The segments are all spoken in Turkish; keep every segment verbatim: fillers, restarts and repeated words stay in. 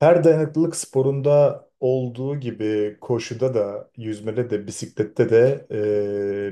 Her dayanıklılık sporunda olduğu gibi koşuda da, yüzmede de, bisiklette de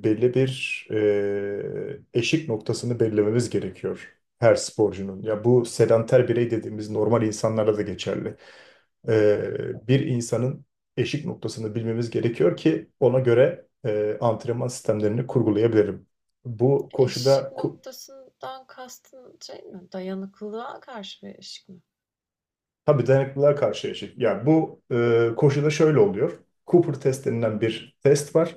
e, belli bir e, eşik noktasını belirlememiz gerekiyor her sporcunun. Ya bu sedanter birey dediğimiz normal insanlara da geçerli. E, bir insanın eşik noktasını bilmemiz gerekiyor ki ona göre e, antrenman sistemlerini kurgulayabilirim. Bu Eşik koşuda noktasından kastın şey mi? Dayanıklılığa karşı bir eşik mi? Tabii dayanıklılığa karşı yaşıyor. Yani bu e, koşuda şöyle oluyor. Cooper test denilen bir test var.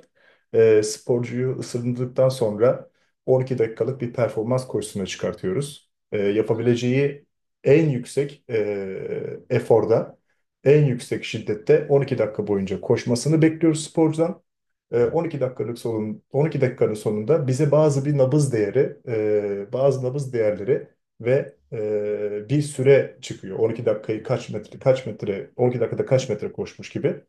E, sporcuyu ısındırdıktan sonra on iki dakikalık bir performans koşusuna çıkartıyoruz. E, Hı hı. Yapabileceği en yüksek e, eforda, en yüksek şiddette on iki dakika boyunca koşmasını bekliyoruz sporcudan. E, 12 dakikalık sonun, on iki dakikanın sonunda bize bazı bir nabız değeri, e, bazı nabız değerleri ve e, bir süre çıkıyor. 12 dakikayı kaç metre kaç metre on iki dakikada kaç metre koşmuş gibi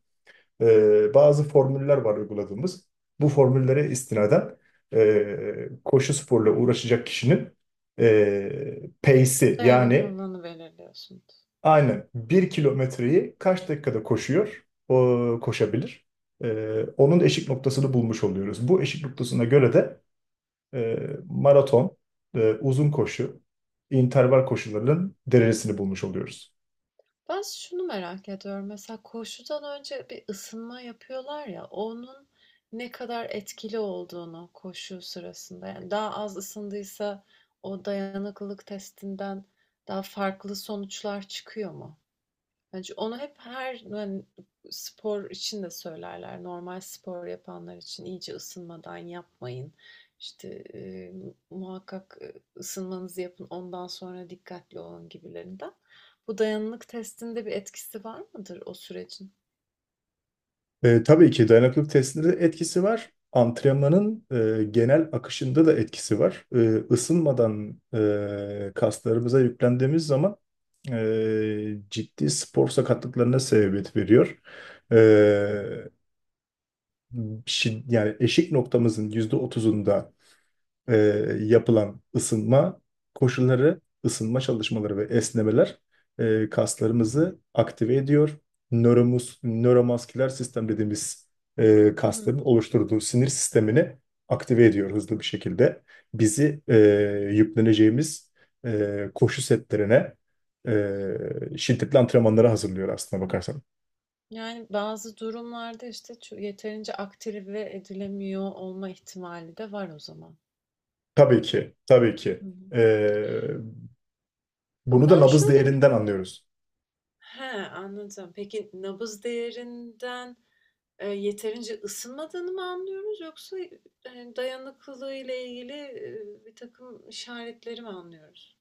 e, bazı formüller var uyguladığımız. Bu formüllere istinaden e, koşu sporla uğraşacak kişinin e, pace'i yani Dayanıklılığını belirliyorsunuz. aynen bir kilometreyi kaç dakikada koşuyor o koşabilir. E, Onun eşik noktasını bulmuş oluyoruz. Bu eşik noktasına göre de e, maraton, e, uzun koşu, interval koşularının derecesini bulmuş oluyoruz. Ben şunu merak ediyorum. Mesela koşudan önce bir ısınma yapıyorlar ya, onun ne kadar etkili olduğunu koşu sırasında. Yani daha az ısındıysa o dayanıklılık testinden daha farklı sonuçlar çıkıyor mu? Bence onu hep her yani spor için de söylerler. Normal spor yapanlar için iyice ısınmadan yapmayın. İşte e, muhakkak e, ısınmanızı yapın, ondan sonra dikkatli olun gibilerinden. Bu dayanıklık testinde bir etkisi var mıdır o sürecin? E, tabii ki dayanıklılık testinde de etkisi var. Antrenmanın e, genel akışında da etkisi var. E, ısınmadan e, kaslarımıza yüklendiğimiz zaman e, ciddi spor sakatlıklarına sebebiyet veriyor. E, şi- Yani eşik noktamızın yüzde otuzunda e, yapılan ısınma koşulları, ısınma çalışmaları ve esnemeler e, kaslarımızı aktive ediyor. Nöromus, nöromasküler sistem dediğimiz e, Hı hı. kasların oluşturduğu sinir sistemini aktive ediyor hızlı bir şekilde. Bizi e, yükleneceğimiz e, koşu setlerine, e, şiddetli antrenmanlara hazırlıyor aslına bakarsan. Yani bazı durumlarda işte ço- yeterince aktive edilemiyor olma ihtimali de var o zaman. Tabii ki, tabii ki. Hı hı. E, Bunu da Ben nabız şöyle bir... değerinden anlıyoruz. He, anladım. Peki nabız değerinden Eee, yeterince ısınmadığını mı anlıyoruz yoksa, eee, hani, dayanıklılığı ile ilgili, e, bir takım işaretleri mi anlıyoruz?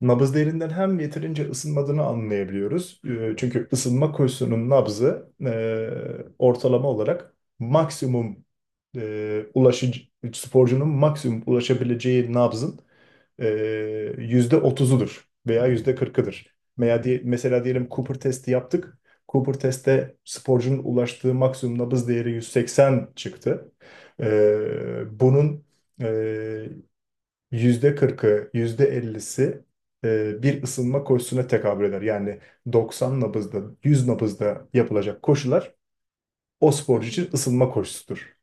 Nabız derinden hem yeterince ısınmadığını anlayabiliyoruz. Ee, Çünkü ısınma koşusunun nabzı e, ortalama olarak maksimum e, ulaşıcı, sporcunun maksimum ulaşabileceği nabzın e, yüzde otuzudur veya yüzde kırkıdır. Veya di- mesela diyelim Cooper testi yaptık. Cooper testte sporcunun ulaştığı maksimum nabız değeri yüz seksen çıktı. Ee, bunun e, yüzde kırkı, yüzde %50'si e, bir ısınma koşusuna tekabül eder. Yani doksan nabızda, yüz nabızda yapılacak koşular o Hı sporcu hı. için ısınma koşusudur.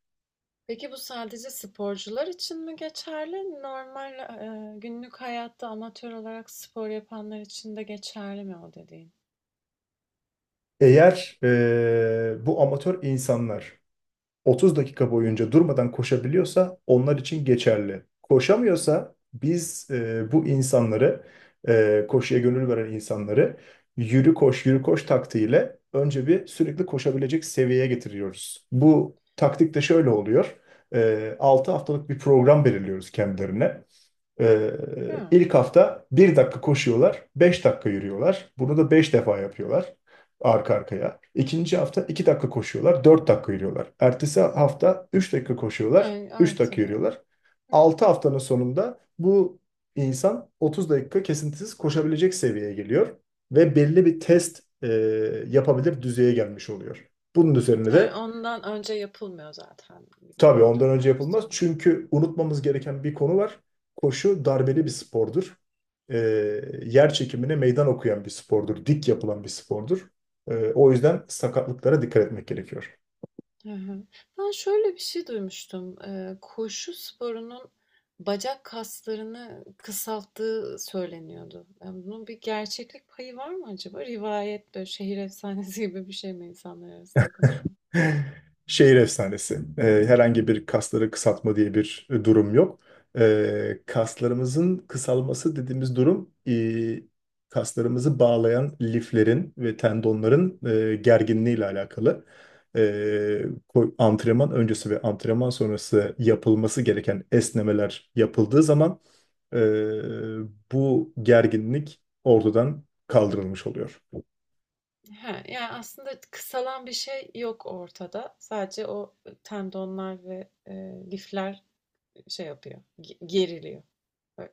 Peki bu sadece sporcular için mi geçerli? Normal, eee, günlük hayatta amatör olarak spor yapanlar için de geçerli mi o dediğin? Eğer e, bu amatör insanlar otuz dakika boyunca durmadan koşabiliyorsa onlar için geçerli. Koşamıyorsa biz e, bu insanları, e, koşuya gönül veren insanları, yürü koş yürü koş taktiğiyle önce bir sürekli koşabilecek seviyeye getiriyoruz. Bu taktik de şöyle oluyor. E, altı haftalık bir program belirliyoruz kendilerine. Ee, Hıı. ilk hafta bir dakika koşuyorlar, beş dakika yürüyorlar. Bunu da beş defa yapıyorlar arka arkaya. İkinci hafta iki dakika koşuyorlar, dört dakika yürüyorlar. Ertesi hafta üç dakika koşuyorlar, Evet, üç dakika artırıyorlar. yürüyorlar. Hı hı. Altı haftanın sonunda bu insan otuz dakika kesintisiz koşabilecek seviyeye geliyor ve belli bir test e, yapabilir düzeye gelmiş oluyor. Bunun üzerine He, de ondan önce yapılmıyor zaten gibi Tabii bir ondan durum önce var yapılmaz. o. Çünkü unutmamız gereken bir konu var. Koşu darbeli bir spordur. Ee, Yer çekimine meydan okuyan bir spordur. Dik yapılan bir spordur. Ee, o yüzden sakatlıklara dikkat etmek gerekiyor. Hı hı. Ben şöyle bir şey duymuştum. Ee, koşu sporunun bacak kaslarını kısalttığı söyleniyordu. Yani bunun bir gerçeklik payı var mı acaba? Rivayet böyle şehir efsanesi gibi bir şey mi insanlar arasında konuşulan? Şehir efsanesi. Ee, herhangi bir kasları kısaltma diye bir e, durum yok. Ee, kaslarımızın kısalması dediğimiz durum e, kaslarımızı bağlayan liflerin ve tendonların e, gerginliği ile alakalı. Ee, ko- Antrenman öncesi ve antrenman sonrası yapılması gereken esnemeler yapıldığı zaman e, bu gerginlik ortadan kaldırılmış oluyor. He, yani aslında kısalan bir şey yok ortada. Sadece o e, tendonlar ve e, lifler şey yapıyor, ge- geriliyor. Böyle,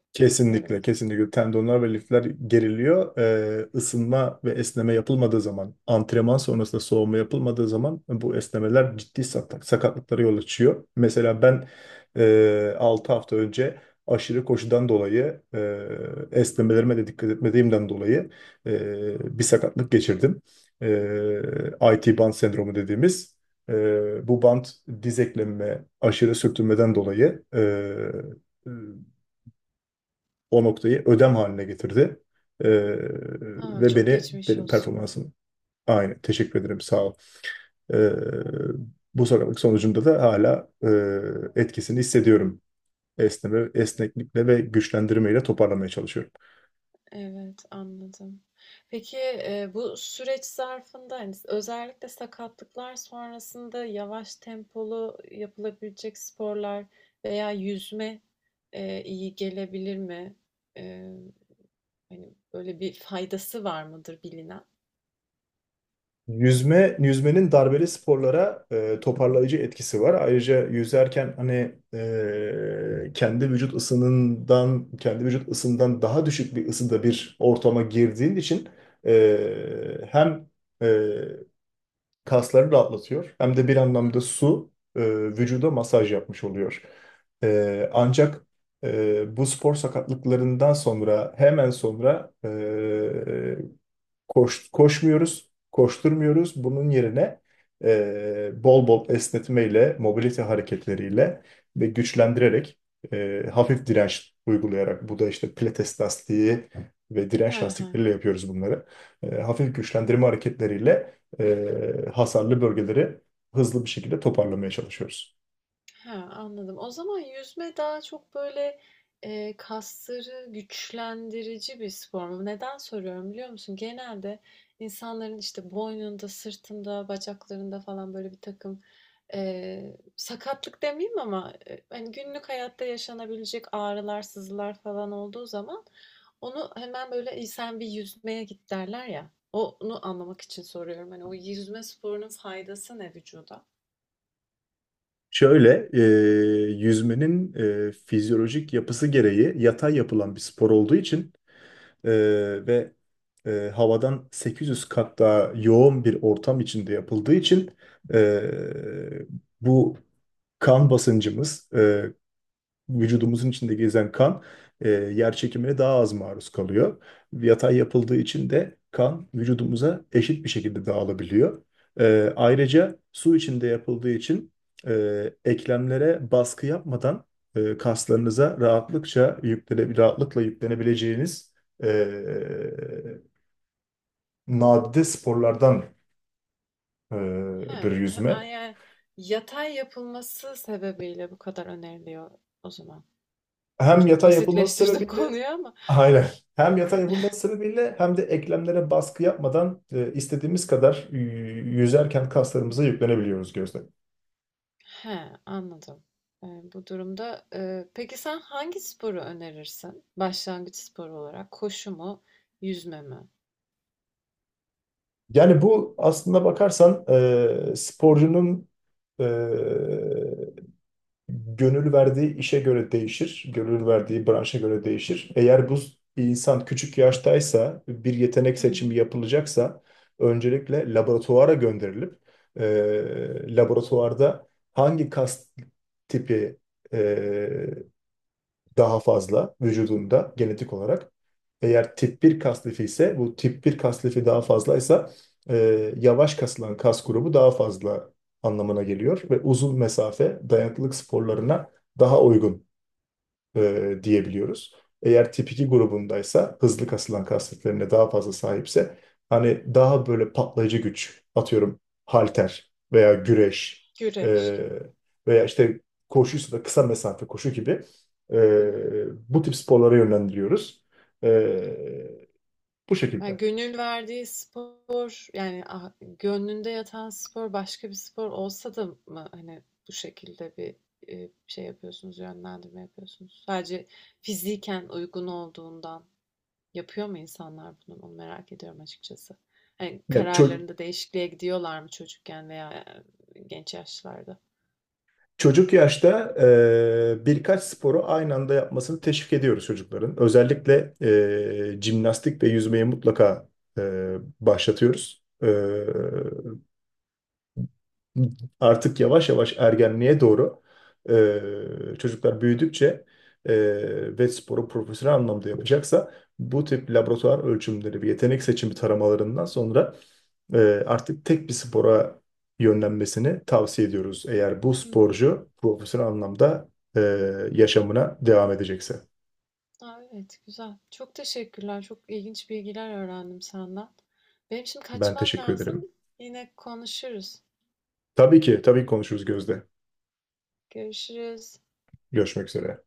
böyle mi? Kesinlikle, kesinlikle tendonlar ve lifler geriliyor. Ee, ısınma ve esneme yapılmadığı zaman, antrenman sonrasında soğuma yapılmadığı zaman bu esnemeler ciddi sakat- sakatlıklara yol açıyor. Mesela ben e, altı hafta önce aşırı koşudan dolayı, e, esnemelerime de dikkat etmediğimden dolayı e, bir sakatlık geçirdim. E, I T band sendromu dediğimiz. e, bu band diz eklemime aşırı sürtünmeden dolayı e, o noktayı ödem haline getirdi. Ee, A, Ve çok beni, geçmiş benim olsun. performansım aynı. Teşekkür ederim, sağ ol. Ee, Bu sakatlık sonucunda da hala e, etkisini hissediyorum. Esneme, esneklikle ve güçlendirmeyle toparlamaya çalışıyorum. Evet, anladım. Peki, eee, bu süreç zarfında, hani, özellikle sakatlıklar sonrasında yavaş tempolu yapılabilecek sporlar veya yüzme, eee, iyi gelebilir mi? Eee, hani, böyle bir faydası var mıdır bilinen? Yüzme, yüzmenin darbeli sporlara e, toparlayıcı etkisi var. Ayrıca yüzerken hani e, kendi vücut ısınından, kendi vücut ısından daha düşük bir ısıda bir ortama girdiğin için e, hem e, kasları rahatlatıyor hem de bir anlamda Hımm. su e, vücuda masaj yapmış oluyor. E, ancak e, bu spor sakatlıklarından sonra hemen sonra e, Koş, koşmuyoruz, koşturmuyoruz. Bunun yerine e, bol bol esnetmeyle, mobilite hareketleriyle ve güçlendirerek, e, hafif direnç uygulayarak, bu da işte pilates lastiği ve direnç He he. lastikleriyle yapıyoruz bunları. E, hafif güçlendirme hareketleriyle e, hasarlı bölgeleri hızlı bir şekilde toparlamaya çalışıyoruz. He, anladım. O zaman yüzme daha çok böyle, eee, kasları güçlendirici bir spor mu? Neden soruyorum biliyor musun? Genelde insanların işte boynunda, sırtında, bacaklarında falan böyle birtakım, eee, sakatlık demeyeyim ama, eee, hani günlük hayatta yaşanabilecek ağrılar, sızılar falan olduğu zaman onu hemen böyle, "İyi, sen bir yüzmeye git." derler ya. Onu anlamak için soruyorum. Hani o yüzme sporunun faydası ne vücuda? Şöyle, e, yüzmenin e, fizyolojik yapısı gereği yatay yapılan bir spor olduğu için e, ve e, havadan sekiz yüz kat daha yoğun bir ortam içinde yapıldığı için e, bu kan basıncımız, e, vücudumuzun içinde gezen kan e, yer çekimine daha az maruz kalıyor. Yatay yapıldığı için de kan vücudumuza eşit bir şekilde dağılabiliyor. E, ayrıca su içinde yapıldığı için e, eklemlere baskı yapmadan e, kaslarınıza rahatlıkça yüklene, rahatlıkla yüklenebileceğiniz e, nadide sporlardandır Ha, ha, a- yüzme. yani yatay yapılması sebebiyle bu kadar öneriliyor o zaman. Hani Hem çok yatay yapılması basitleştirdim sebebiyle. konuyu ama. Aynen. Hem yatay yapılması sebebiyle hem de eklemlere baskı yapmadan e, istediğimiz kadar y- yüzerken kaslarımıza yüklenebiliyoruz gözle. He, anladım. E, bu durumda e, peki sen hangi sporu önerirsin? Başlangıç sporu olarak koşu mu, yüzme mi? Yani bu aslında bakarsan e, sporcunun e, gönül verdiği işe göre değişir, gönül verdiği branşa göre değişir. Eğer bu insan küçük yaştaysa, bir yetenek Hmm, seçimi yapılacaksa, öncelikle laboratuvara gönderilip, e, laboratuvarda hangi kas tipi e, daha fazla vücudunda genetik olarak. Eğer tip bir kas lifi ise bu tip bir kas lifi daha fazlaysa e, yavaş kasılan kas grubu daha fazla anlamına geliyor ve uzun mesafe dayanıklılık sporlarına daha uygun e, diyebiliyoruz. Eğer tip iki grubundaysa hızlı kasılan kas setlerine daha fazla sahipse hani daha böyle patlayıcı güç atıyorum halter veya güreş, güreş e, veya işte koşuysa da kısa mesafe koşu gibi gibi. e, bu tip sporlara yönlendiriyoruz. E, Bu Ya şekilde. gönül verdiği spor yani ah- gönlünde yatan spor başka bir spor olsa da mı hani bu şekilde bir e, şey yapıyorsunuz, yönlendirme yapıyorsunuz? Sadece fiziken uygun olduğundan yapıyor mu insanlar bunu? Onu merak ediyorum açıkçası. Hani Yani çö- kararlarında değişikliğe gidiyorlar mı çocukken veya e, genç yaşlarda? Çocuk yaşta e, birkaç sporu aynı anda yapmasını teşvik ediyoruz çocukların. Özellikle e, jimnastik ve yüzmeyi mutlaka e, başlatıyoruz. E, artık yavaş yavaş ergenliğe doğru, e, çocuklar büyüdükçe e, ve sporu profesyonel anlamda yapacaksa bu tip laboratuvar ölçümleri ve yetenek seçimi taramalarından sonra e, artık tek bir spora yönlenmesini tavsiye ediyoruz. Eğer bu Hmm. sporcu profesyonel anlamda e, yaşamına devam edecekse. Aa, evet güzel. Çok teşekkürler. Çok ilginç bilgiler öğrendim senden. Benim şimdi Ben kaçmam teşekkür lazım. ederim. Yine konuşuruz. Tabii ki, tabii ki konuşuruz Gözde. Görüşürüz. Görüşmek üzere.